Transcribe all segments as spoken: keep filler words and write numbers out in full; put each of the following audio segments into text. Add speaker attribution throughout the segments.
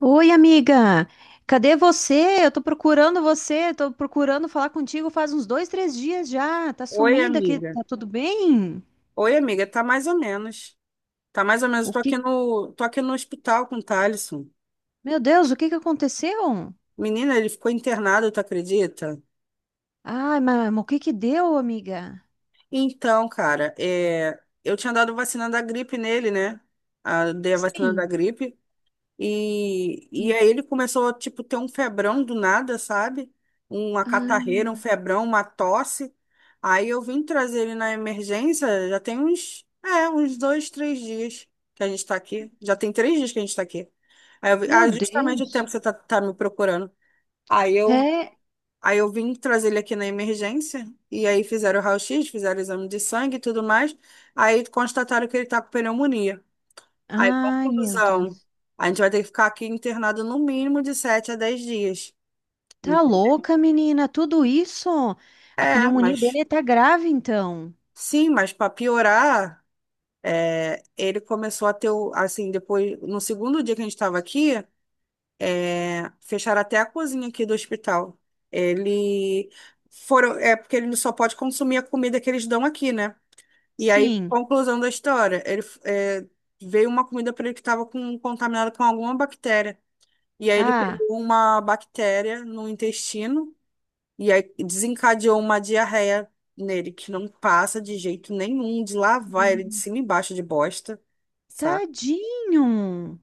Speaker 1: Oi, amiga! Cadê você? Eu tô procurando você, tô procurando falar contigo faz uns dois, três dias já. Tá
Speaker 2: Oi,
Speaker 1: sumida aqui,
Speaker 2: amiga.
Speaker 1: tá tudo bem?
Speaker 2: Oi, amiga, tá mais ou menos. Tá mais ou menos. Eu
Speaker 1: O
Speaker 2: Tô
Speaker 1: que?
Speaker 2: aqui no, tô aqui no hospital com o Thaleson.
Speaker 1: Meu Deus, o que que aconteceu?
Speaker 2: Menina, ele ficou internado, tu acredita?
Speaker 1: Ai, mas, o que que deu, amiga?
Speaker 2: Então, cara, é, eu tinha dado vacina da gripe nele, né? A, dei a vacina da
Speaker 1: Sim.
Speaker 2: gripe. E, e aí ele começou a, tipo, ter um febrão do nada, sabe? Uma catarreira, um
Speaker 1: Ah,
Speaker 2: febrão, uma tosse. Aí eu vim trazer ele na emergência, já tem uns, é, uns dois, três dias que a gente tá aqui. Já tem três dias que a gente tá aqui. Aí eu, vi-
Speaker 1: meu
Speaker 2: ah, justamente o tempo
Speaker 1: Deus.
Speaker 2: que você tá, tá me procurando. Aí eu,
Speaker 1: É.
Speaker 2: aí eu vim trazer ele aqui na emergência, e aí fizeram o raio-x, fizeram o exame de sangue e tudo mais. Aí constataram que ele tá com pneumonia. Aí,
Speaker 1: Ai, meu
Speaker 2: conclusão.
Speaker 1: Deus.
Speaker 2: A gente vai ter que ficar aqui internado no mínimo de sete a dez dias.
Speaker 1: Tá louca, menina? Tudo isso? A
Speaker 2: É,
Speaker 1: pneumonia
Speaker 2: mas
Speaker 1: dele tá grave, então.
Speaker 2: sim, mas para piorar, é, ele começou a ter, o- assim, depois, no segundo dia que a gente estava aqui, é, fecharam até a cozinha aqui do hospital. Ele Foram, é porque ele só pode consumir a comida que eles dão aqui, né? E aí,
Speaker 1: Sim.
Speaker 2: conclusão da história, ele é, veio uma comida para ele que estava com, contaminada com alguma bactéria. E aí ele
Speaker 1: Ah,
Speaker 2: pegou uma bactéria no intestino e aí desencadeou uma diarreia nele que não passa de jeito nenhum de lavar ele de cima e embaixo de bosta, sabe?
Speaker 1: tadinho.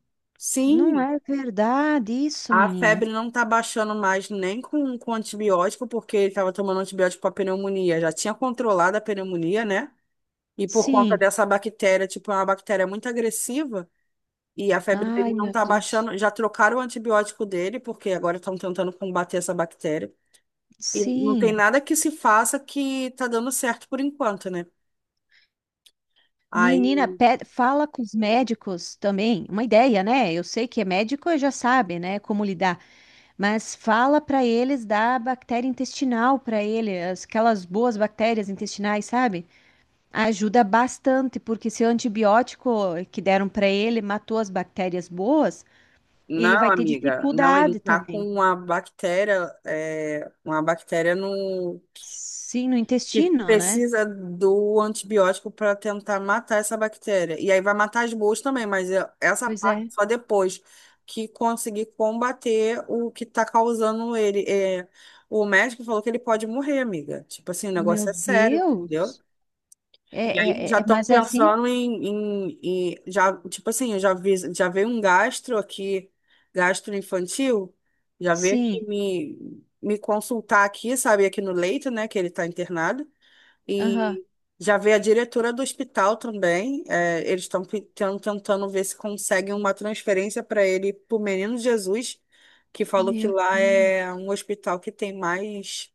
Speaker 1: Não
Speaker 2: Sim,
Speaker 1: é verdade isso,
Speaker 2: a
Speaker 1: menina?
Speaker 2: febre não tá baixando mais nem com, com antibiótico, porque ele tava tomando antibiótico para pneumonia, já tinha controlado a pneumonia, né? E por conta
Speaker 1: Sim.
Speaker 2: dessa bactéria, tipo, é uma bactéria muito agressiva, e a febre
Speaker 1: Ai,
Speaker 2: dele não
Speaker 1: meu
Speaker 2: tá
Speaker 1: Deus.
Speaker 2: baixando, já trocaram o antibiótico dele, porque agora estão tentando combater essa bactéria. E não tem
Speaker 1: Sim.
Speaker 2: nada que se faça que tá dando certo por enquanto, né?
Speaker 1: Menina,
Speaker 2: Aí,
Speaker 1: pe- fala com os médicos também. Uma ideia, né? Eu sei que é médico e já sabe, né, como lidar. Mas fala para eles da bactéria intestinal para ele, as- aquelas boas bactérias intestinais, sabe? Ajuda bastante, porque se o antibiótico que deram para ele matou as bactérias boas, ele
Speaker 2: não,
Speaker 1: vai ter
Speaker 2: amiga, não, ele
Speaker 1: dificuldade
Speaker 2: tá com
Speaker 1: também.
Speaker 2: uma bactéria, é, uma bactéria no
Speaker 1: Sim, no
Speaker 2: que
Speaker 1: intestino, né?
Speaker 2: precisa do antibiótico para tentar matar essa bactéria. E aí vai matar as boas também, mas é- essa
Speaker 1: Pois
Speaker 2: parte
Speaker 1: é.
Speaker 2: só depois que conseguir combater o que tá causando ele. É, o médico falou que ele pode morrer, amiga. Tipo assim, o
Speaker 1: Meu
Speaker 2: negócio é sério, entendeu?
Speaker 1: Deus! É,
Speaker 2: E aí
Speaker 1: é, é,
Speaker 2: já
Speaker 1: é-
Speaker 2: estão
Speaker 1: mas é assim?
Speaker 2: pensando em, em, em- já, tipo assim, eu já vi, já veio um gastro aqui, gastro infantil, já veio aqui
Speaker 1: Sim.
Speaker 2: me, me consultar aqui, sabe, aqui no leito, né, que ele está internado,
Speaker 1: Aham.
Speaker 2: e já veio a diretora do hospital também, é, eles estão tentando ver se conseguem uma transferência para ele, para o Menino Jesus, que falou que
Speaker 1: Meu
Speaker 2: lá
Speaker 1: Deus.
Speaker 2: é um hospital que tem mais,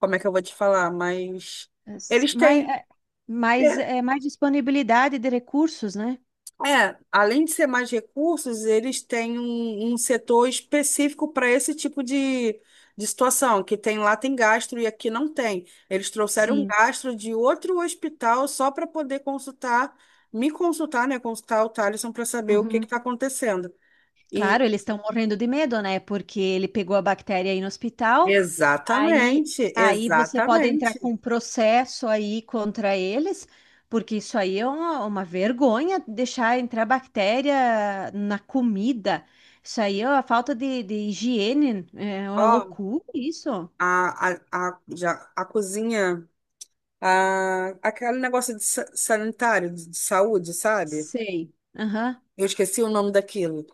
Speaker 2: como é que eu vou te falar, mais...
Speaker 1: É se-
Speaker 2: Eles
Speaker 1: Mas,
Speaker 2: têm.
Speaker 1: é, mas
Speaker 2: É,
Speaker 1: é mais disponibilidade de recursos, né?
Speaker 2: É, além de ser mais recursos, eles têm um, um setor específico para esse tipo de, de situação, que tem lá tem gastro e aqui não tem. Eles trouxeram um
Speaker 1: Sim.
Speaker 2: gastro de outro hospital só para poder consultar, me consultar, né? Consultar o Thaleson para saber o que
Speaker 1: Uhum.
Speaker 2: está acontecendo. E
Speaker 1: Claro, eles estão morrendo de medo, né? Porque ele pegou a bactéria aí no hospital. Aí,
Speaker 2: exatamente,
Speaker 1: aí você pode entrar
Speaker 2: exatamente.
Speaker 1: com um processo aí contra eles, porque isso aí é uma, uma vergonha deixar entrar bactéria na comida. Isso aí é uma falta de, de higiene, é uma
Speaker 2: Ó,
Speaker 1: loucura isso.
Speaker 2: a, a, a, já, a cozinha, a, aquele negócio de sa- sanitário, de de saúde, sabe?
Speaker 1: Sei. Aham.
Speaker 2: Eu esqueci o nome daquilo.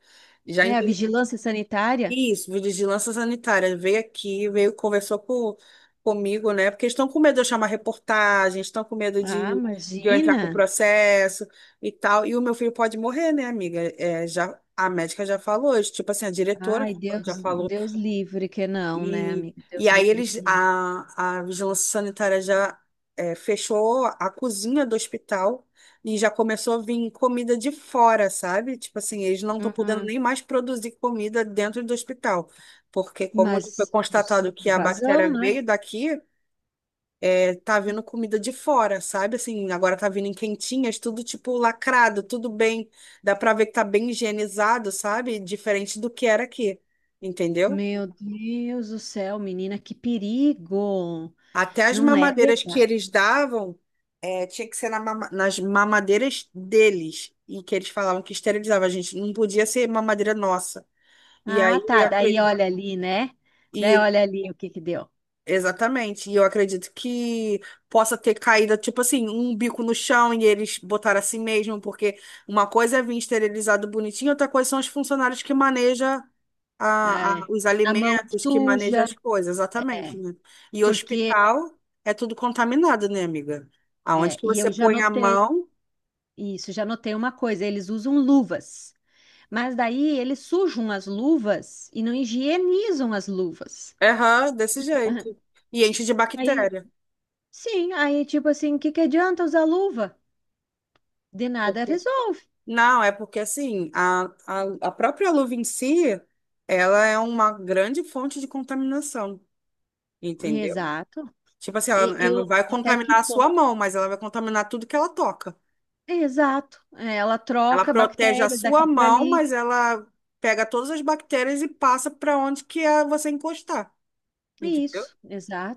Speaker 2: Já
Speaker 1: É a
Speaker 2: entendi.
Speaker 1: vigilância sanitária.
Speaker 2: Isso, vigilância sanitária. Veio aqui, veio, conversou com, comigo, né? Porque estão com medo de eu chamar reportagem, estão com medo
Speaker 1: Ah,
Speaker 2: de, de eu entrar com o
Speaker 1: imagina.
Speaker 2: processo e tal. E o meu filho pode morrer, né, amiga? É, já, a médica já falou, tipo assim, a diretora
Speaker 1: Ai, Deus,
Speaker 2: já falou
Speaker 1: Deus livre que não, né,
Speaker 2: e,
Speaker 1: amiga?
Speaker 2: e
Speaker 1: Deus
Speaker 2: aí
Speaker 1: livre que
Speaker 2: eles,
Speaker 1: não.
Speaker 2: a, a vigilância sanitária já é, fechou a cozinha do hospital e já começou a vir comida de fora, sabe? Tipo assim, eles não estão podendo
Speaker 1: Uhum.
Speaker 2: nem mais produzir comida dentro do hospital, porque como já foi
Speaker 1: Mas, com
Speaker 2: constatado
Speaker 1: sua
Speaker 2: que a
Speaker 1: razão,
Speaker 2: bactéria
Speaker 1: né?
Speaker 2: veio daqui, é, tá vindo comida de fora, sabe? Assim, agora tá vindo em quentinhas, tudo tipo lacrado, tudo bem, dá pra ver que tá bem higienizado, sabe? Diferente do que era aqui, entendeu?
Speaker 1: Meu Deus do céu, menina, que perigo!
Speaker 2: Até as
Speaker 1: Não é
Speaker 2: mamadeiras que
Speaker 1: verdade.
Speaker 2: eles davam, eh, tinha que ser na mama- nas mamadeiras deles. E que eles falavam que esterilizava a gente. Não podia ser mamadeira nossa. E aí,
Speaker 1: Ah, tá.
Speaker 2: a-
Speaker 1: Daí olha ali, né? Daí
Speaker 2: e
Speaker 1: olha ali o que que deu.
Speaker 2: Exatamente. E eu acredito que possa ter caído, tipo assim, um bico no chão e eles botaram assim mesmo, porque uma coisa é vir esterilizado bonitinho, outra coisa são os funcionários que manejam a, a-
Speaker 1: É,
Speaker 2: os
Speaker 1: a mão
Speaker 2: alimentos, que manejam
Speaker 1: suja,
Speaker 2: as coisas, exatamente,
Speaker 1: é,
Speaker 2: né? E
Speaker 1: porque
Speaker 2: hospital é tudo contaminado, né, amiga? Aonde
Speaker 1: é,
Speaker 2: que
Speaker 1: e
Speaker 2: você
Speaker 1: eu já
Speaker 2: põe a
Speaker 1: notei
Speaker 2: mão,
Speaker 1: isso, já notei uma coisa, eles usam luvas, mas daí eles sujam as luvas e não higienizam as luvas.
Speaker 2: erra desse jeito. E enche de
Speaker 1: Aí,
Speaker 2: bactéria.
Speaker 1: sim, aí tipo assim, que que adianta usar luva? De nada resolve.
Speaker 2: Não, é porque assim, a, a, a própria luva em si, ela é uma grande fonte de contaminação, entendeu?
Speaker 1: Exato.
Speaker 2: Tipo assim,
Speaker 1: E
Speaker 2: ela, ela não
Speaker 1: eu
Speaker 2: vai
Speaker 1: até que
Speaker 2: contaminar a sua mão, mas ela vai contaminar tudo que ela toca.
Speaker 1: exato. É, ela
Speaker 2: Ela
Speaker 1: troca
Speaker 2: protege a
Speaker 1: bactérias
Speaker 2: sua
Speaker 1: daqui para
Speaker 2: mão,
Speaker 1: ali.
Speaker 2: mas ela pega todas as bactérias e passa para onde que é você encostar, entendeu?
Speaker 1: Isso,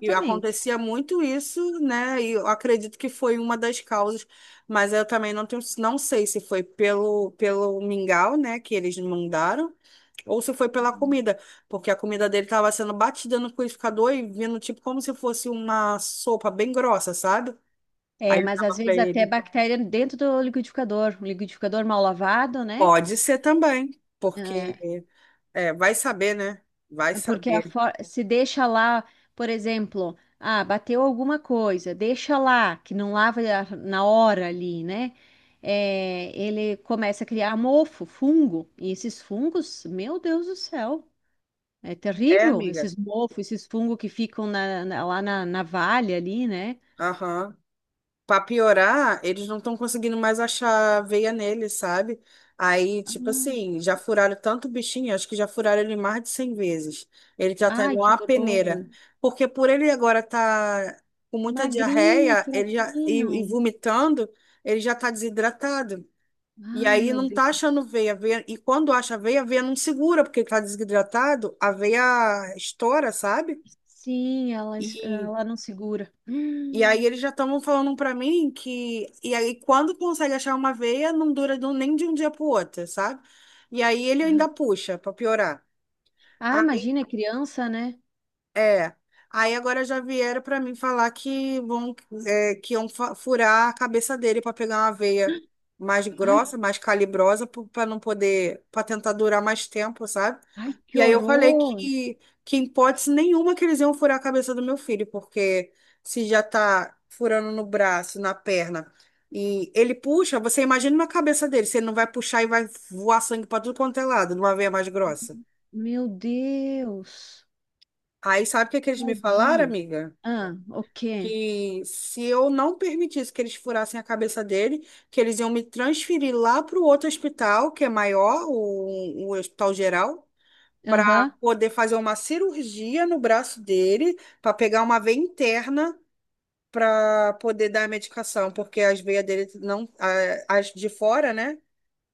Speaker 2: E acontecia muito isso, né? E eu acredito que foi uma das causas, mas eu também não tenho, não sei se foi pelo, pelo mingau, né, que eles mandaram. Ou se foi pela comida, porque a comida dele tava sendo batida no liquidificador e vindo tipo como se fosse uma sopa bem grossa, sabe?
Speaker 1: É,
Speaker 2: Aí eu
Speaker 1: mas às
Speaker 2: tava pra
Speaker 1: vezes até
Speaker 2: ele,
Speaker 1: bactéria dentro do liquidificador, um liquidificador mal lavado, né?
Speaker 2: pode ser também,
Speaker 1: É,
Speaker 2: porque é, vai saber, né? Vai
Speaker 1: porque a
Speaker 2: saber.
Speaker 1: for- se deixa lá, por exemplo, ah, bateu alguma coisa, deixa lá, que não lava a- na hora ali, né? É, ele começa a criar mofo, fungo, e esses fungos, meu Deus do céu. É
Speaker 2: É,
Speaker 1: terrível
Speaker 2: amiga.
Speaker 1: esses mofos, esses fungos que ficam na- na- lá na, na valha ali, né?
Speaker 2: Aham. Pra piorar, eles não estão conseguindo mais achar veia nele, sabe? Aí,
Speaker 1: Ah,
Speaker 2: tipo assim, já furaram tanto o bichinho, acho que já furaram ele mais de cem vezes. Ele já tá
Speaker 1: ai,
Speaker 2: igual
Speaker 1: que
Speaker 2: uma peneira.
Speaker 1: horror.
Speaker 2: Porque por ele agora tá com muita
Speaker 1: Magrinho,
Speaker 2: diarreia, ele já e,
Speaker 1: fraquinho.
Speaker 2: e vomitando, ele já tá desidratado. E
Speaker 1: Ai,
Speaker 2: aí
Speaker 1: meu
Speaker 2: não tá achando
Speaker 1: Deus.
Speaker 2: veia, veia. E quando acha a veia, a veia não segura, porque ele tá desidratado, a veia estoura, sabe?
Speaker 1: Sim, ela, es-
Speaker 2: E
Speaker 1: ela não segura.
Speaker 2: e aí eles já estavam falando pra mim que. E aí, quando consegue achar uma veia, não dura do- nem de um dia pro outro, sabe? E aí ele
Speaker 1: Hum.
Speaker 2: ainda puxa pra piorar.
Speaker 1: Ah, imagina, criança, né?
Speaker 2: É. Aí agora já vieram para mim falar que vão, é, que iam fa- furar a cabeça dele para pegar uma veia mais
Speaker 1: Ai,
Speaker 2: grossa, mais calibrosa, para não poder, para tentar durar mais tempo, sabe?
Speaker 1: ai, que
Speaker 2: E aí eu falei
Speaker 1: horror.
Speaker 2: que, que em hipótese nenhuma que eles iam furar a cabeça do meu filho, porque se já tá furando no braço, na perna, e ele puxa, você imagina na cabeça dele, se ele não vai puxar e vai voar sangue para tudo quanto é lado, numa veia mais grossa.
Speaker 1: Meu Deus.
Speaker 2: Aí sabe o que que eles me falaram,
Speaker 1: Tadinho.
Speaker 2: amiga?
Speaker 1: Ah, o quê?
Speaker 2: Que se eu não permitisse que eles furassem a cabeça dele, que eles iam me transferir lá para o outro hospital, que é maior, o, o Hospital Geral, para
Speaker 1: Aham,
Speaker 2: poder fazer uma cirurgia no braço dele, para pegar uma veia interna para poder dar a medicação, porque as veias dele não, a- as de fora, né?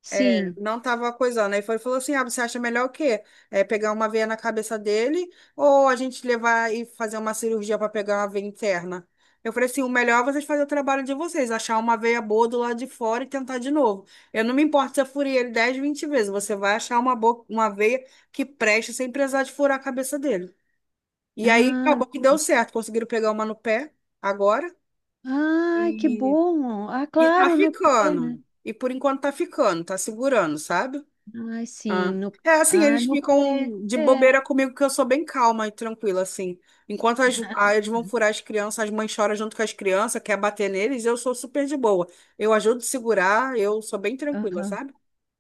Speaker 1: sim.
Speaker 2: Não tava coisando. Aí foi, falou assim: ah, você acha melhor o quê? É pegar uma veia na cabeça dele ou a gente levar e fazer uma cirurgia para pegar uma veia interna? Eu falei assim: o melhor é vocês fazerem o trabalho de vocês, achar uma veia boa do lado de fora e tentar de novo. Eu não me importo se eu furei ele dez, vinte vezes, você vai achar uma, boa, uma veia que preste sem precisar de furar a cabeça dele. E aí
Speaker 1: Ah,
Speaker 2: acabou que deu certo, conseguiram pegar uma no pé agora
Speaker 1: ai, que
Speaker 2: e,
Speaker 1: bom. Ah,
Speaker 2: e tá
Speaker 1: claro, no pé, né?
Speaker 2: ficando. E por enquanto tá ficando, tá segurando, sabe?
Speaker 1: Ai,
Speaker 2: Ah.
Speaker 1: sim, no,
Speaker 2: É assim,
Speaker 1: ah,
Speaker 2: eles
Speaker 1: no pé,
Speaker 2: ficam de
Speaker 1: é.
Speaker 2: bobeira comigo, que eu sou bem calma e tranquila, assim. Enquanto as, ah, eles vão furar as crianças, as mães choram junto com as crianças, quer bater neles, eu sou super de boa. Eu ajudo a segurar, eu sou bem tranquila,
Speaker 1: Aham.
Speaker 2: sabe?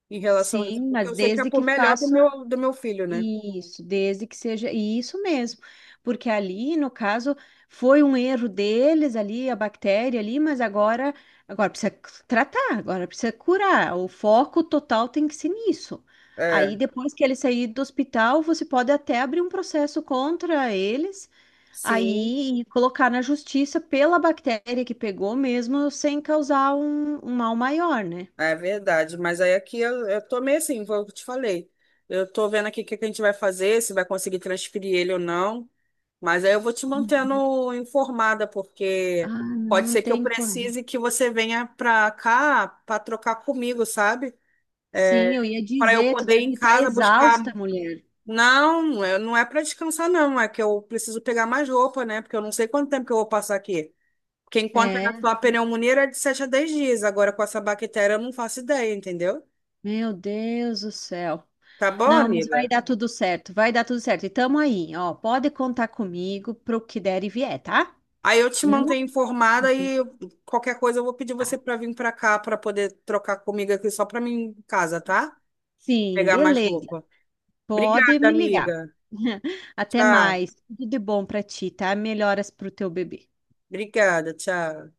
Speaker 2: Em relação a isso.
Speaker 1: Sim,
Speaker 2: Porque
Speaker 1: mas
Speaker 2: eu sei que é
Speaker 1: desde
Speaker 2: por
Speaker 1: que
Speaker 2: melhor do
Speaker 1: faço
Speaker 2: meu, do meu filho, né?
Speaker 1: isso, desde que seja isso mesmo, porque ali, no caso, foi um erro deles ali, a bactéria ali, mas agora, agora precisa tratar, agora precisa curar. O foco total tem que ser nisso. Aí,
Speaker 2: É,
Speaker 1: depois que ele sair do hospital, você pode até abrir um processo contra eles.
Speaker 2: sim.
Speaker 1: Aí, e colocar na justiça pela bactéria que pegou mesmo, sem causar um, um mal maior, né?
Speaker 2: É verdade, mas aí aqui eu, eu tô meio assim, vou, te falei. Eu tô vendo aqui o que que a gente vai fazer, se vai conseguir transferir ele ou não. Mas aí eu vou te
Speaker 1: Uhum.
Speaker 2: mantendo informada,
Speaker 1: Ah,
Speaker 2: porque pode
Speaker 1: não
Speaker 2: ser que eu
Speaker 1: tem como.
Speaker 2: precise que você venha pra cá pra trocar comigo, sabe?
Speaker 1: Sim, eu ia
Speaker 2: Para eu
Speaker 1: dizer, tu
Speaker 2: poder ir em
Speaker 1: deve estar
Speaker 2: casa buscar.
Speaker 1: exausta, mulher.
Speaker 2: Não, eu- não é para descansar, não. É que eu preciso pegar mais roupa, né? Porque eu não sei quanto tempo que eu vou passar aqui. Porque enquanto era
Speaker 1: É,
Speaker 2: só a pneumonia era de sete a dez dias. Agora com essa bactéria eu não faço ideia, entendeu?
Speaker 1: meu Deus do céu.
Speaker 2: Tá bom,
Speaker 1: Não, mas vai
Speaker 2: amiga?
Speaker 1: dar tudo certo, vai dar tudo certo. E tamo aí, ó. Pode contar comigo pro que der e vier, tá?
Speaker 2: Aí eu te
Speaker 1: Não.
Speaker 2: mantenho informada e qualquer coisa eu vou pedir você
Speaker 1: Tá.
Speaker 2: para vir para cá para poder trocar comigo aqui só para mim em casa, tá?
Speaker 1: Sim,
Speaker 2: Pegar mais
Speaker 1: beleza.
Speaker 2: roupa.
Speaker 1: Pode
Speaker 2: Obrigada,
Speaker 1: me ligar.
Speaker 2: amiga.
Speaker 1: Até
Speaker 2: Tchau.
Speaker 1: mais. Tudo de bom pra ti, tá? Melhoras pro teu bebê.
Speaker 2: Obrigada, tchau.